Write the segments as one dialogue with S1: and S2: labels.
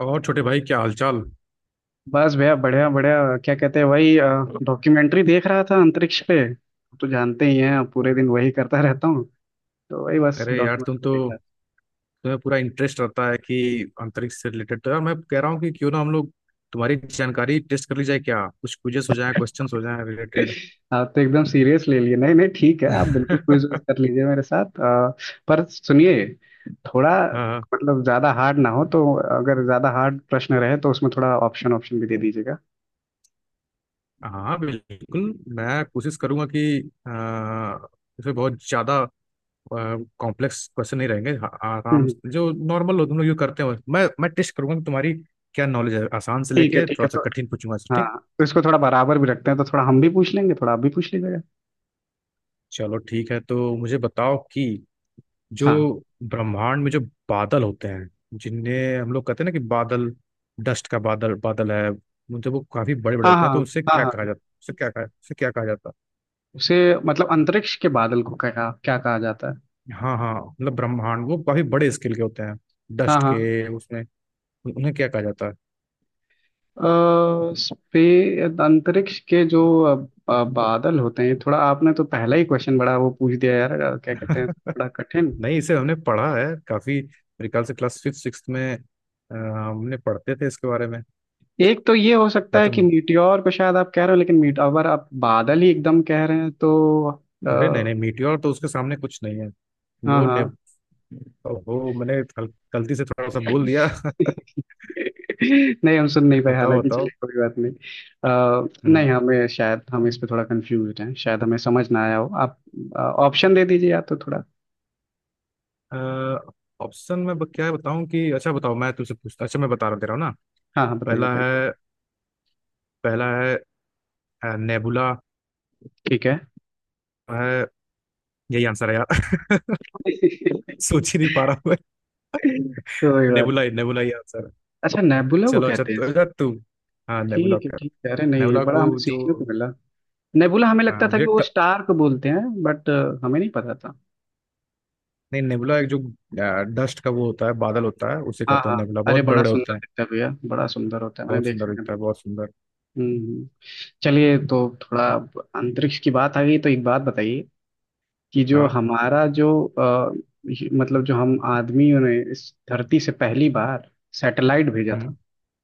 S1: और छोटे भाई क्या हालचाल।
S2: बस भैया बढ़िया बढ़िया क्या कहते हैं वही। डॉक्यूमेंट्री देख रहा था अंतरिक्ष पे। तो जानते ही हैं, पूरे दिन वही करता रहता हूँ। तो वही बस
S1: अरे यार तुम तो
S2: डॉक्यूमेंट्री देखा।
S1: तुम्हें पूरा इंटरेस्ट रहता है कि अंतरिक्ष से रिलेटेड। तो यार मैं कह रहा हूँ कि क्यों ना हम लोग तुम्हारी जानकारी टेस्ट कर ली जाए। क्या कुछ क्विजेस हो जाए, क्वेश्चंस हो जाए रिलेटेड।
S2: आप तो एकदम सीरियस ले लिए। नहीं नहीं ठीक है, आप बिल्कुल क्विज
S1: हाँ।
S2: कर लीजिए मेरे साथ। पर सुनिए, थोड़ा, मतलब ज्यादा हार्ड ना हो तो, अगर ज्यादा हार्ड प्रश्न रहे तो उसमें थोड़ा ऑप्शन ऑप्शन भी दे दीजिएगा।
S1: हाँ, बिल्कुल। मैं कोशिश करूंगा कि अ, इसमें बहुत ज्यादा कॉम्प्लेक्स क्वेश्चन नहीं रहेंगे।
S2: हम्म,
S1: आराम
S2: हम्म।
S1: से जो नॉर्मल हो, तुम लोग जो करते हो, मैं टेस्ट करूंगा कि तुम्हारी क्या नॉलेज है। आसान से
S2: ठीक है
S1: लेके
S2: ठीक है।
S1: थोड़ा सा
S2: तो
S1: कठिन पूछूंगा,
S2: हाँ,
S1: ठीक।
S2: तो इसको थोड़ा बराबर भी रखते हैं, तो थोड़ा हम भी पूछ लेंगे, थोड़ा आप भी पूछ लीजिएगा।
S1: चलो ठीक है। तो मुझे बताओ कि जो
S2: हाँ
S1: ब्रह्मांड में जो बादल होते हैं, जिन्हें हम लोग कहते हैं ना कि बादल, डस्ट का बादल, बादल है। जब वो काफी बड़े बड़े
S2: हाँ,
S1: होते
S2: हाँ।
S1: हैं तो उनसे
S2: हाँ,
S1: क्या कहा
S2: हाँ।
S1: जाता, उसे क्या कहा, उसे क्या कहा जाता
S2: उसे, मतलब अंतरिक्ष के बादल को क्या क्या कहा जाता है?
S1: है? हाँ हाँ, मतलब ब्रह्मांड वो काफी बड़े स्केल के होते हैं,
S2: हाँ,
S1: डस्ट
S2: हाँ।
S1: के, उसमें उन्हें क्या कहा जाता
S2: स्पे अंतरिक्ष के जो बादल होते हैं, थोड़ा आपने तो पहला ही क्वेश्चन बड़ा वो पूछ दिया यार।
S1: है?
S2: क्या कहते हैं, थोड़ा कठिन।
S1: नहीं, इसे हमने पढ़ा है काफी। मेरे ख्याल से क्लास फिफ्थ सिक्स में हमने पढ़ते थे इसके बारे में।
S2: एक तो ये हो सकता
S1: क्या
S2: है कि
S1: तुम,
S2: मीटियोर को शायद आप कह रहे हो, लेकिन मीट, अगर आप बादल ही एकदम कह रहे हैं तो। अ,
S1: अरे नहीं नहीं, मीटियोर तो उसके सामने कुछ नहीं है।
S2: हाँ,
S1: वो ने
S2: हाँ।
S1: वो मैंने गलती से थोड़ा सा बोल दिया।
S2: नहीं, हम सुन नहीं पाए,
S1: बताओ
S2: हालांकि चलिए
S1: बताओ।
S2: कोई बात नहीं। नहीं,
S1: हम्म।
S2: हमें शायद, हम इस पे थोड़ा कंफ्यूज हैं, शायद हमें समझ ना आया हो। आप ऑप्शन दे दीजिए, या तो थोड़ा।
S1: ऑप्शन में क्या बताऊं कि, अच्छा बताओ, मैं तुझसे पूछता, अच्छा मैं बता रहा दे रहा हूँ ना।
S2: हाँ हाँ, बताइए
S1: पहला
S2: बताइए, कोई।
S1: है पहला है नेबुला
S2: ठीक है।
S1: है। यही आंसर है यार। सोच ही नहीं पा रहा हूँ मैं।
S2: कोई बात
S1: नेबुला ही,
S2: नहीं।
S1: नेबुला ही आंसर है।
S2: अच्छा, नेबुला को
S1: चलो अच्छा,
S2: कहते हैं।
S1: तो अच्छा तू, हाँ नेबुला
S2: ठीक है
S1: का,
S2: ठीक है। अरे नहीं, ये
S1: नेबुला
S2: बड़ा
S1: को
S2: हमें
S1: जो,
S2: सीखने को मिला। नेबुला हमें लगता
S1: हाँ
S2: था कि
S1: मुझे
S2: वो
S1: ट,
S2: स्टार को बोलते हैं बट, हमें नहीं पता था।
S1: नहीं नेबुला एक जो डस्ट का वो होता है, बादल होता है, उसे
S2: हाँ,
S1: कहते हैं
S2: हाँ।
S1: नेबुला।
S2: अरे
S1: बहुत बड़े
S2: बड़ा
S1: बड़े होते
S2: सुंदर
S1: हैं।
S2: दिखता है भैया, बड़ा सुंदर होता है, मैंने
S1: बहुत
S2: देखा
S1: सुंदर
S2: है
S1: दिखता है, बहुत
S2: नेबुला।
S1: सुंदर।
S2: हम्म, चलिए, तो थोड़ा अब अंतरिक्ष की बात आ गई तो एक बात बताइए, कि जो
S1: हाँ।
S2: हमारा जो मतलब जो हम आदमियों ने इस धरती से पहली बार सैटेलाइट भेजा
S1: हम्म।
S2: था।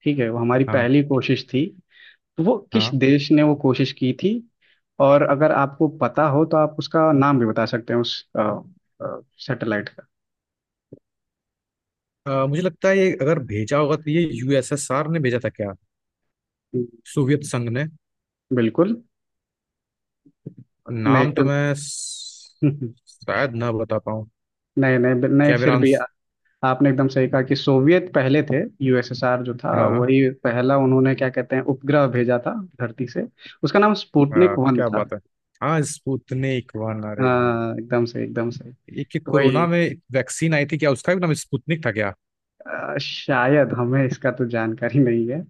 S2: ठीक है, वो हमारी
S1: हाँ
S2: पहली कोशिश थी। तो वो किस
S1: हाँ।
S2: देश ने वो कोशिश की थी? और अगर आपको पता हो तो आप उसका नाम भी बता सकते हैं, उस सैटेलाइट का।
S1: मुझे लगता है ये अगर भेजा होगा तो ये यूएसएसआर ने भेजा था क्या, सोवियत संघ ने।
S2: बिल्कुल। नहीं
S1: नाम तो
S2: एकदम।
S1: मैं स- शायद ना बता पाऊँ।
S2: नहीं नहीं नहीं,
S1: क्या मेरा
S2: फिर भी
S1: आंस-
S2: आपने एकदम सही कहा कि सोवियत पहले थे। यूएसएसआर जो था,
S1: हाँ।
S2: वही पहला, उन्होंने क्या कहते हैं, उपग्रह भेजा था धरती से। उसका नाम स्पुतनिक वन
S1: क्या
S2: था।
S1: बात है। हाँ स्पुतनिक वन, अरे हाँ।
S2: हाँ, एकदम सही, एकदम सही।
S1: एक एक
S2: तो वही
S1: कोरोना में वैक्सीन आई थी क्या, उसका भी नाम स्पुतनिक था क्या?
S2: शायद हमें इसका तो जानकारी नहीं है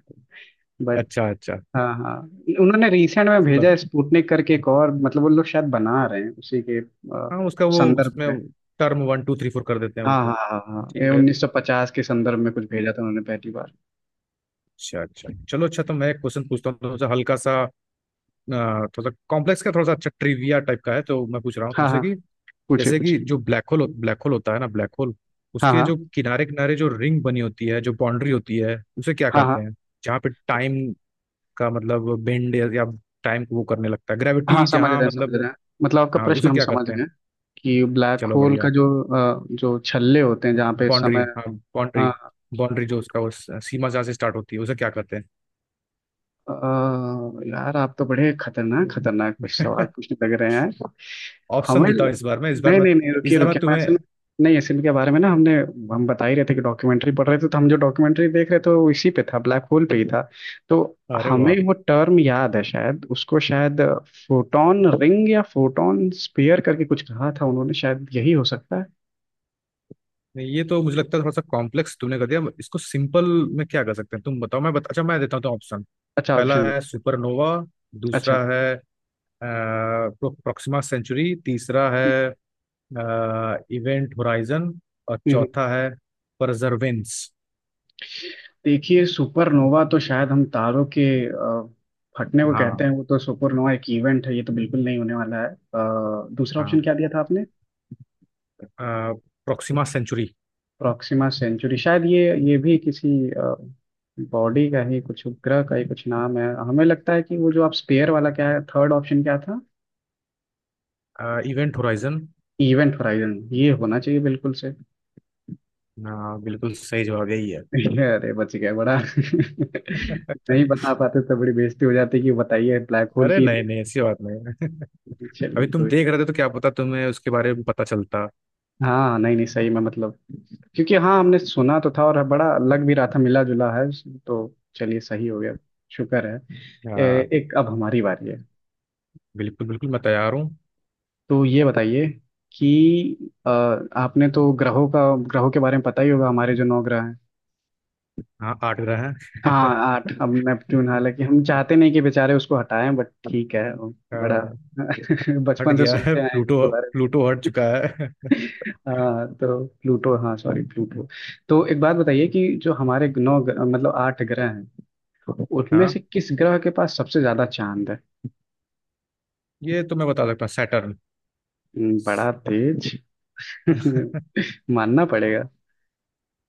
S2: बट।
S1: अच्छा अच्छा।
S2: हाँ, हाँ। उन्होंने रिसेंट में भेजा
S1: चलो
S2: है स्पुतनिक करके एक और, मतलब वो लोग शायद बना रहे हैं उसी के
S1: हाँ, उसका वो
S2: संदर्भ
S1: उसमें
S2: में।
S1: Term one two three four कर देते हैं
S2: हाँ,
S1: उसको।
S2: हाँ, हाँ, हाँ। ये
S1: ठीक है।
S2: 1950 के संदर्भ में कुछ भेजा था उन्होंने पहली बार।
S1: अच्छा अच्छा, चलो। अच्छा तो मैं एक क्वेश्चन पूछता हूँ, थोड़ा सा हल्का सा, थोड़ा सा कॉम्प्लेक्स का, थोड़ा सा अच्छा ट्रिविया टाइप का है। तो मैं पूछ रहा हूँ
S2: हाँ,
S1: तुमसे
S2: हाँ,
S1: कि
S2: पूछिए
S1: जैसे कि
S2: पूछिए।
S1: जो ब्लैक होल, ब्लैक होल होता है ना, ब्लैक होल
S2: हाँ,
S1: उसके जो
S2: हाँ।
S1: किनारे किनारे जो रिंग बनी होती है, जो बाउंड्री होती है, उसे क्या
S2: हाँ, हाँ।
S1: कहते हैं? जहाँ पे टाइम का मतलब बेंड या टाइम को वो करने लगता है,
S2: हाँ,
S1: ग्रेविटी
S2: समझ
S1: जहाँ,
S2: रहे हैं, समझ रहे
S1: मतलब,
S2: हैं, मतलब आपका
S1: हाँ
S2: प्रश्न
S1: उसे
S2: हम
S1: क्या
S2: समझ
S1: कहते हैं?
S2: गए। कि ब्लैक
S1: चलो
S2: होल
S1: बढ़िया।
S2: का जो जो छल्ले होते हैं, जहाँ पे
S1: बाउंड्री,
S2: समय।
S1: हाँ बाउंड्री,
S2: हाँ।
S1: बाउंड्री जो उसका वो सीमा जहाँ से स्टार्ट होती है उसे क्या कहते
S2: अ, यार आप तो बड़े खतरनाक खतरनाक कुछ सवाल
S1: हैं?
S2: पूछने लग रहे हैं।
S1: ऑप्शन
S2: हमें,
S1: देता हूँ इस बार में, इस बार
S2: नहीं
S1: में,
S2: नहीं नहीं,
S1: इस
S2: रुकिए
S1: बार में
S2: रुकिए, मैं
S1: तुम्हें।
S2: असल, नहीं असल के बारे में ना हमने, हम बता ही रहे थे कि डॉक्यूमेंट्री पढ़ रहे थे, तो हम जो डॉक्यूमेंट्री देख रहे थे वो इसी पे था, ब्लैक होल पे ही था। तो
S1: अरे
S2: हमें
S1: वाह।
S2: वो टर्म याद है शायद, उसको शायद फोटोन रिंग या फोटोन स्फीयर करके कुछ कहा था उन्होंने, शायद यही हो सकता है।
S1: नहीं ये तो मुझे लगता है थोड़ा सा कॉम्प्लेक्स तुमने कर दिया इसको। सिंपल में क्या कर सकते हैं तुम बताओ, अच्छा मैं देता हूँ तो ऑप्शन।
S2: अच्छा,
S1: पहला
S2: ऑप्शन दे
S1: है
S2: देते हैं।
S1: सुपरनोवा,
S2: अच्छा।
S1: दूसरा है प्रोक्सिमा सेंचुरी, तीसरा
S2: हम्म,
S1: है इवेंट होराइजन, और
S2: हम्म।
S1: चौथा है परजर्वेंस।
S2: देखिए सुपरनोवा तो शायद हम तारों के फटने को कहते
S1: हाँ
S2: हैं, वो तो सुपरनोवा एक इवेंट है, ये तो बिल्कुल नहीं होने वाला है। दूसरा ऑप्शन
S1: हाँ।
S2: क्या दिया था आपने?
S1: Proxima Centauri.
S2: प्रॉक्सिमा सेंचुरी, शायद ये भी किसी बॉडी का ही कुछ, उपग्रह का ही कुछ नाम है, हमें लगता है। कि वो जो आप स्पेयर वाला, क्या है, थर्ड ऑप्शन क्या था?
S1: Event horizon.
S2: इवेंट होराइजन, ये होना चाहिए बिल्कुल से।
S1: हाँ बिल्कुल सही जवाब यही है।
S2: अरे बच गया, बड़ा। नहीं बता पाते तो बड़ी बेइज्जती हो जाती, कि बताइए ब्लैक होल
S1: अरे
S2: की
S1: नहीं
S2: देख।
S1: नहीं, ऐसी बात नहीं है। अभी
S2: चलिए
S1: तुम
S2: कोई।
S1: देख रहे थे तो क्या पता तुम्हें उसके बारे में पता चलता।
S2: हाँ, नहीं नहीं, सही में, मतलब, क्योंकि हाँ हमने सुना तो था, और बड़ा लग भी रहा था, मिला जुला है, तो चलिए सही हो गया, शुक्र है।
S1: आ,
S2: एक, अब हमारी बारी है।
S1: बिल्कुल बिल्कुल मैं तैयार हूँ।
S2: तो ये बताइए, कि आपने तो ग्रहों का, ग्रहों के बारे में पता ही होगा, हमारे जो नौ ग्रह हैं।
S1: हाँ आठ ग्रह हैं।
S2: हाँ आठ, हम नेपट्टून, हालांकि हम चाहते नहीं कि बेचारे उसको हटाएं, बट ठीक है वो,
S1: अ,
S2: बड़ा।
S1: हट
S2: बचपन से
S1: गया है
S2: सुनते आए हैं
S1: प्लूटो,
S2: इसके बारे में।
S1: प्लूटो हट चुका है।
S2: हाँ तो प्लूटो, हाँ सॉरी, प्लूटो। तो एक बात बताइए, कि जो हमारे मतलब आठ ग्रह हैं, तो उनमें
S1: हाँ,
S2: से किस ग्रह के पास सबसे ज्यादा चांद है?
S1: ये तो मैं बता सकता हूँ, सैटर्न।
S2: बड़ा तेज। मानना पड़ेगा।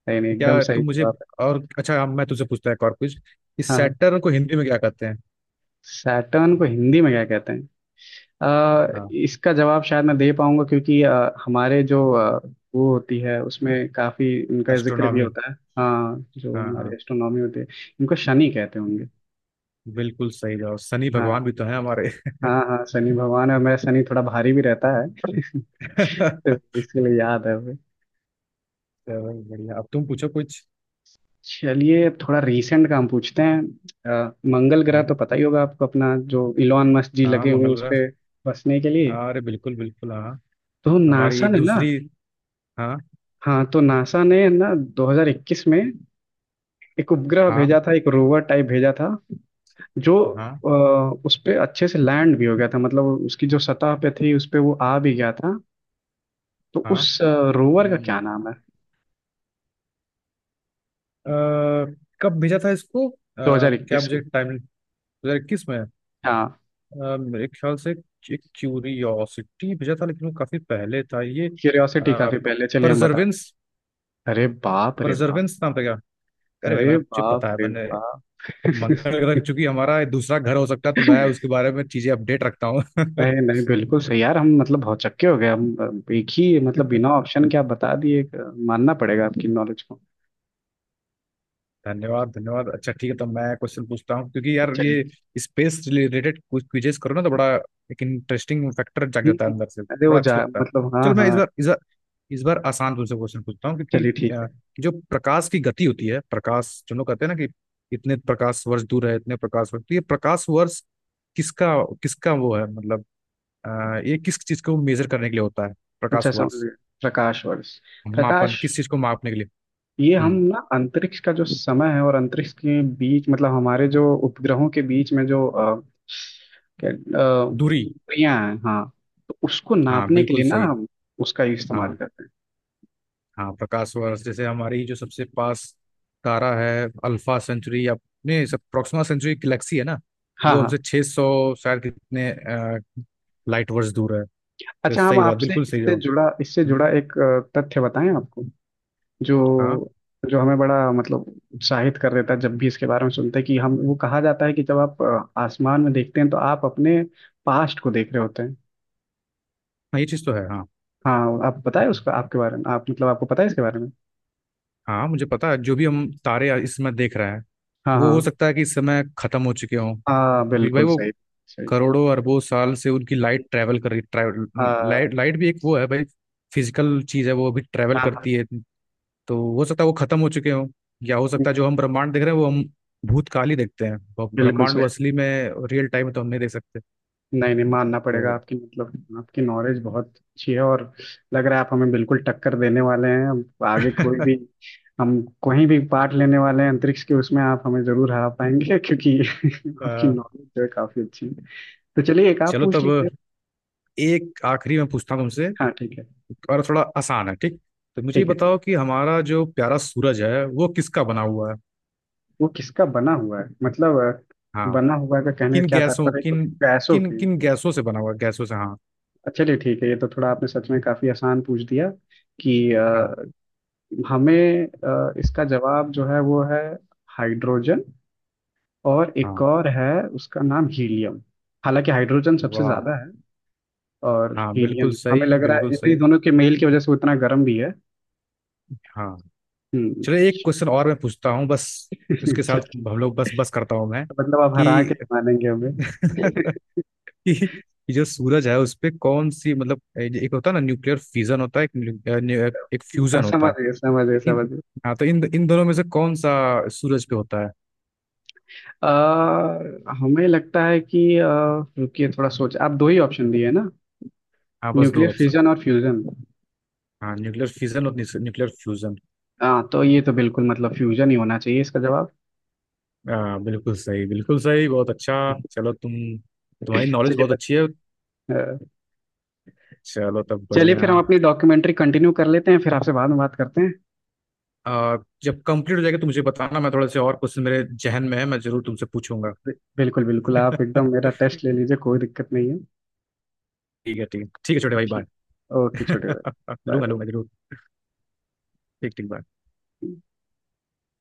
S2: नहीं नहीं, एकदम
S1: क्या
S2: सही
S1: तुम मुझे,
S2: जवाब है।
S1: और अच्छा, हाँ, मैं तुझसे पूछता है एक और कुछ। इस
S2: हाँ, हाँ।
S1: सैटर्न को हिंदी में क्या कहते हैं?
S2: सैटर्न को हिंदी में क्या कहते हैं?
S1: हाँ
S2: इसका जवाब शायद मैं दे पाऊंगा, क्योंकि हमारे जो वो होती है, उसमें काफी उनका जिक्र भी
S1: एस्ट्रोनॉमी।
S2: होता है, हाँ, जो
S1: हाँ
S2: हमारे
S1: हाँ,
S2: एस्ट्रोनॉमी होते हैं। इनको शनि कहते होंगे।
S1: बिल्कुल सही जवाब। शनि भगवान
S2: हाँ,
S1: भी तो है हमारे।
S2: हाँ, हाँ, शनि भगवान है, और मेरा शनि थोड़ा भारी भी रहता है। तो इसके लिए याद है।
S1: चलो बढ़िया, अब तुम पूछो कुछ।
S2: चलिए, अब थोड़ा रीसेंट काम पूछते हैं। मंगल ग्रह तो
S1: हम्म,
S2: पता ही होगा आपको, अपना जो इलॉन मस्क जी
S1: हाँ
S2: लगे हुए हैं
S1: मंगल
S2: उस
S1: ग्रह।
S2: पे बसने के लिए।
S1: हाँ, अरे बिल्कुल बिल्कुल हाँ।
S2: तो नासा
S1: हमारी
S2: ने ना।
S1: दूसरी। हाँ
S2: हाँ, तो नासा ने ना 2021 में एक उपग्रह
S1: हाँ
S2: भेजा था, एक रोवर टाइप भेजा था, जो
S1: हाँ
S2: अ, उस पे अच्छे से लैंड भी हो गया था, मतलब उसकी जो सतह पे थी उस पे वो आ भी गया था। तो उस रोवर का
S1: हाँ।
S2: क्या नाम है?
S1: अ, कब भेजा था इसको, क्या
S2: 2021
S1: मुझे
S2: में।
S1: टाइम, 2021 में।
S2: हाँ।
S1: मेरे ख्याल से एक क्यूरियोसिटी भेजा था, लेकिन वो काफी पहले था ये।
S2: क्यूरियोसिटी काफी पहले, चलिए हम बताते
S1: परजर्वेंस।
S2: हैं। अरे बाप रे बाप।
S1: परजर्वेंस नाम था क्या। अरे भाई
S2: अरे
S1: मैंने, मुझे
S2: बाप
S1: पता है
S2: रे
S1: मैंने।
S2: बाप।
S1: मंगल ग्रह चूंकि हमारा दूसरा घर हो सकता है तो मैं उसके बारे में चीजें अपडेट रखता हूँ।
S2: नहीं नहीं, बिल्कुल सही यार, हम मतलब भौचक्के हो गए हम। एक ही, मतलब बिना ऑप्शन के आप बता दिए एक, मानना पड़ेगा आपकी नॉलेज को।
S1: धन्यवाद धन्यवाद। अच्छा ठीक है, तो मैं क्वेश्चन पूछता हूँ क्योंकि यार
S2: चलिए।
S1: ये स्पेस रिलेटेड कुछ क्विजेस करो ना तो बड़ा एक इंटरेस्टिंग फैक्टर जाग
S2: हम्म,
S1: जाता है
S2: हम्म।
S1: अंदर से,
S2: अरे वो
S1: बड़ा
S2: जा,
S1: अच्छा लगता है।
S2: मतलब हाँ,
S1: चलो मैं इस
S2: हाँ।
S1: बार, इस बार, इस बार आसान तुमसे क्वेश्चन पूछता हूँ क्योंकि
S2: चलिए ठीक
S1: अ,
S2: है।
S1: जो प्रकाश की गति होती है, प्रकाश, जो लोग कहते हैं ना कि इतने प्रकाश वर्ष दूर है, इतने प्रकाश वर्ष, तो ये प्रकाश वर्ष किसका, किसका वो है मतलब, अ, ये किस चीज को मेजर करने के लिए होता है, प्रकाश
S2: अच्छा, समझ
S1: वर्ष,
S2: गए। प्रकाश वर्ष।
S1: मापन
S2: प्रकाश।
S1: किस चीज को मापने के लिए।
S2: ये हम
S1: हम्म।
S2: ना अंतरिक्ष का जो समय है, और अंतरिक्ष के बीच, मतलब हमारे जो उपग्रहों के बीच में जो क्या
S1: दूरी,
S2: दूरियां हैं, हाँ। तो उसको
S1: हाँ
S2: नापने के लिए
S1: बिल्कुल
S2: ना
S1: सही।
S2: हम उसका इस्तेमाल
S1: हाँ
S2: करते हैं।
S1: हाँ प्रकाश वर्ष जैसे हमारी जो सबसे पास तारा है, अल्फा सेंचुरी, या नहीं सब प्रॉक्सिमा सेंचुरी गैलेक्सी है ना,
S2: हाँ,
S1: वो हमसे
S2: हाँ।
S1: 600 शायद कितने लाइट वर्ष दूर है। तो
S2: अच्छा, हम
S1: सही बात,
S2: आपसे
S1: बिल्कुल सही
S2: इससे
S1: जवाब।
S2: जुड़ा, इससे जुड़ा
S1: हम्म,
S2: एक तथ्य बताएं आपको।
S1: हाँ
S2: जो, जो हमें बड़ा, मतलब उत्साहित कर देता है जब भी इसके बारे में सुनते हैं। कि हम वो, कहा जाता है कि जब आप आसमान में देखते हैं, तो आप अपने पास्ट को देख रहे होते हैं।
S1: हाँ, ये चीज़ तो है हाँ।
S2: हाँ, आप बताएं उसका, आपके बारे में, आप, मतलब आपको पता है इसके बारे में?
S1: हाँ मुझे पता है, जो भी हम तारे इस समय देख रहे हैं
S2: हाँ,
S1: वो हो
S2: हाँ।
S1: सकता है कि इस समय खत्म हो चुके हों,
S2: हाँ,
S1: क्योंकि भाई
S2: बिल्कुल
S1: वो
S2: सही। सही।
S1: करोड़ों अरबों साल से उनकी लाइट ट्रैवल कर रही, ट्रैवल
S2: हाँ,
S1: लाइट, लाइट भी एक वो है भाई, फिजिकल चीज़ है, वो अभी ट्रैवल
S2: हाँ। हाँ,
S1: करती है। तो हो सकता है वो खत्म हो चुके हों, या हो सकता है जो हम ब्रह्मांड देख रहे हैं वो हम भूतकाल ही देखते हैं वो
S2: बिल्कुल
S1: ब्रह्मांड, वो
S2: सही।
S1: असली में रियल टाइम तो हम नहीं देख सकते।
S2: नहीं नहीं, मानना पड़ेगा
S1: तो
S2: आपकी, मतलब आपकी नॉलेज बहुत अच्छी है, और लग रहा है आप हमें बिल्कुल टक्कर देने वाले हैं, अब आगे कोई भी हम कहीं भी पार्ट लेने वाले हैं अंतरिक्ष के, उसमें आप हमें जरूर हरा पाएंगे। क्योंकि आपकी
S1: अ,
S2: नॉलेज जो है काफी अच्छी है। तो चलिए, एक आप
S1: चलो
S2: पूछ
S1: तब
S2: लीजिए।
S1: एक आखिरी मैं पूछता हूँ तुमसे,
S2: हाँ, ठीक है।
S1: और थोड़ा आसान है ठीक। तो मुझे ये
S2: ठीक है, ठीक
S1: बताओ
S2: है।
S1: कि हमारा जो प्यारा सूरज है वो किसका बना हुआ है।
S2: वो किसका बना हुआ है, मतलब
S1: हाँ
S2: बना हुआ का कहने का
S1: किन
S2: क्या
S1: गैसों,
S2: तात्पर्य है, कि
S1: किन,
S2: उसकी गैसों
S1: किन
S2: की।
S1: किन गैसों से बना हुआ है, गैसों से हाँ।
S2: अच्छा, चलिए ठीक है। ये तो थोड़ा आपने सच में काफी आसान पूछ दिया। कि
S1: हाँ
S2: हमें, इसका जवाब जो है वो है हाइड्रोजन, और एक
S1: हाँ।
S2: और है, उसका नाम हीलियम। हालांकि हाइड्रोजन सबसे
S1: वाह।
S2: ज्यादा है, और
S1: हाँ बिल्कुल
S2: हीलियम, हमें
S1: सही,
S2: लग रहा है
S1: बिल्कुल
S2: इन्हीं
S1: सही।
S2: दोनों के मेल की वजह से वो इतना गर्म भी है।
S1: हाँ।
S2: हम्म।
S1: चलो एक क्वेश्चन और मैं पूछता हूँ, बस इसके
S2: अच्छा,
S1: साथ
S2: ठीक।
S1: हम लोग बस, बस करता हूँ मैं
S2: तो मतलब आप हरा के
S1: कि,
S2: ही मानेंगे हमें।
S1: कि कि जो सूरज है उस पे कौन सी, मतलब एक होता है ना न्यूक्लियर फिजन होता है एक न्यू- न्यू- एक फ्यूजन होता
S2: समझ
S1: है।
S2: गए, समझ
S1: तो
S2: गए,
S1: इन,
S2: समझ गए।
S1: हाँ तो इन इन दोनों में से कौन सा सूरज पे होता है।
S2: हमें लगता है कि रुकिए थोड़ा सोच, आप दो ही ऑप्शन दिए ना,
S1: हाँ बस दो
S2: न्यूक्लियर
S1: ऑप्शन।
S2: फिजन और फ्यूजन।
S1: हाँ न्यूक्लियर फिजन और न्यूक्लियर फ्यूजन।
S2: हाँ, तो ये तो बिल्कुल मतलब फ्यूजन ही होना चाहिए इसका जवाब।
S1: हाँ बिल्कुल सही, बिल्कुल सही, बहुत अच्छा। चलो तुम, तुम्हारी नॉलेज
S2: चलिए,
S1: बहुत
S2: बच
S1: अच्छी है।
S2: गए।
S1: चलो तब
S2: चलिए,
S1: बढ़िया।
S2: फिर हम अपनी डॉक्यूमेंट्री कंटिन्यू कर लेते हैं, फिर आपसे बाद में बात करते हैं।
S1: आ, जब कंप्लीट हो जाएगा तो मुझे बताना, मैं थोड़ा से और क्वेश्चन मेरे जहन में है, मैं जरूर तुमसे पूछूंगा।
S2: बिल्कुल बिल्कुल, आप एकदम
S1: ठीक
S2: मेरा टेस्ट ले लीजिए, कोई दिक्कत नहीं है।
S1: है ठीक है ठीक है, छोटे भाई,
S2: ठीक।
S1: बाय।
S2: ओके छोटे भाई,
S1: लूंगा
S2: बाय।
S1: लूंगा जरूर। ठीक ठीक बाय।
S2: बाय।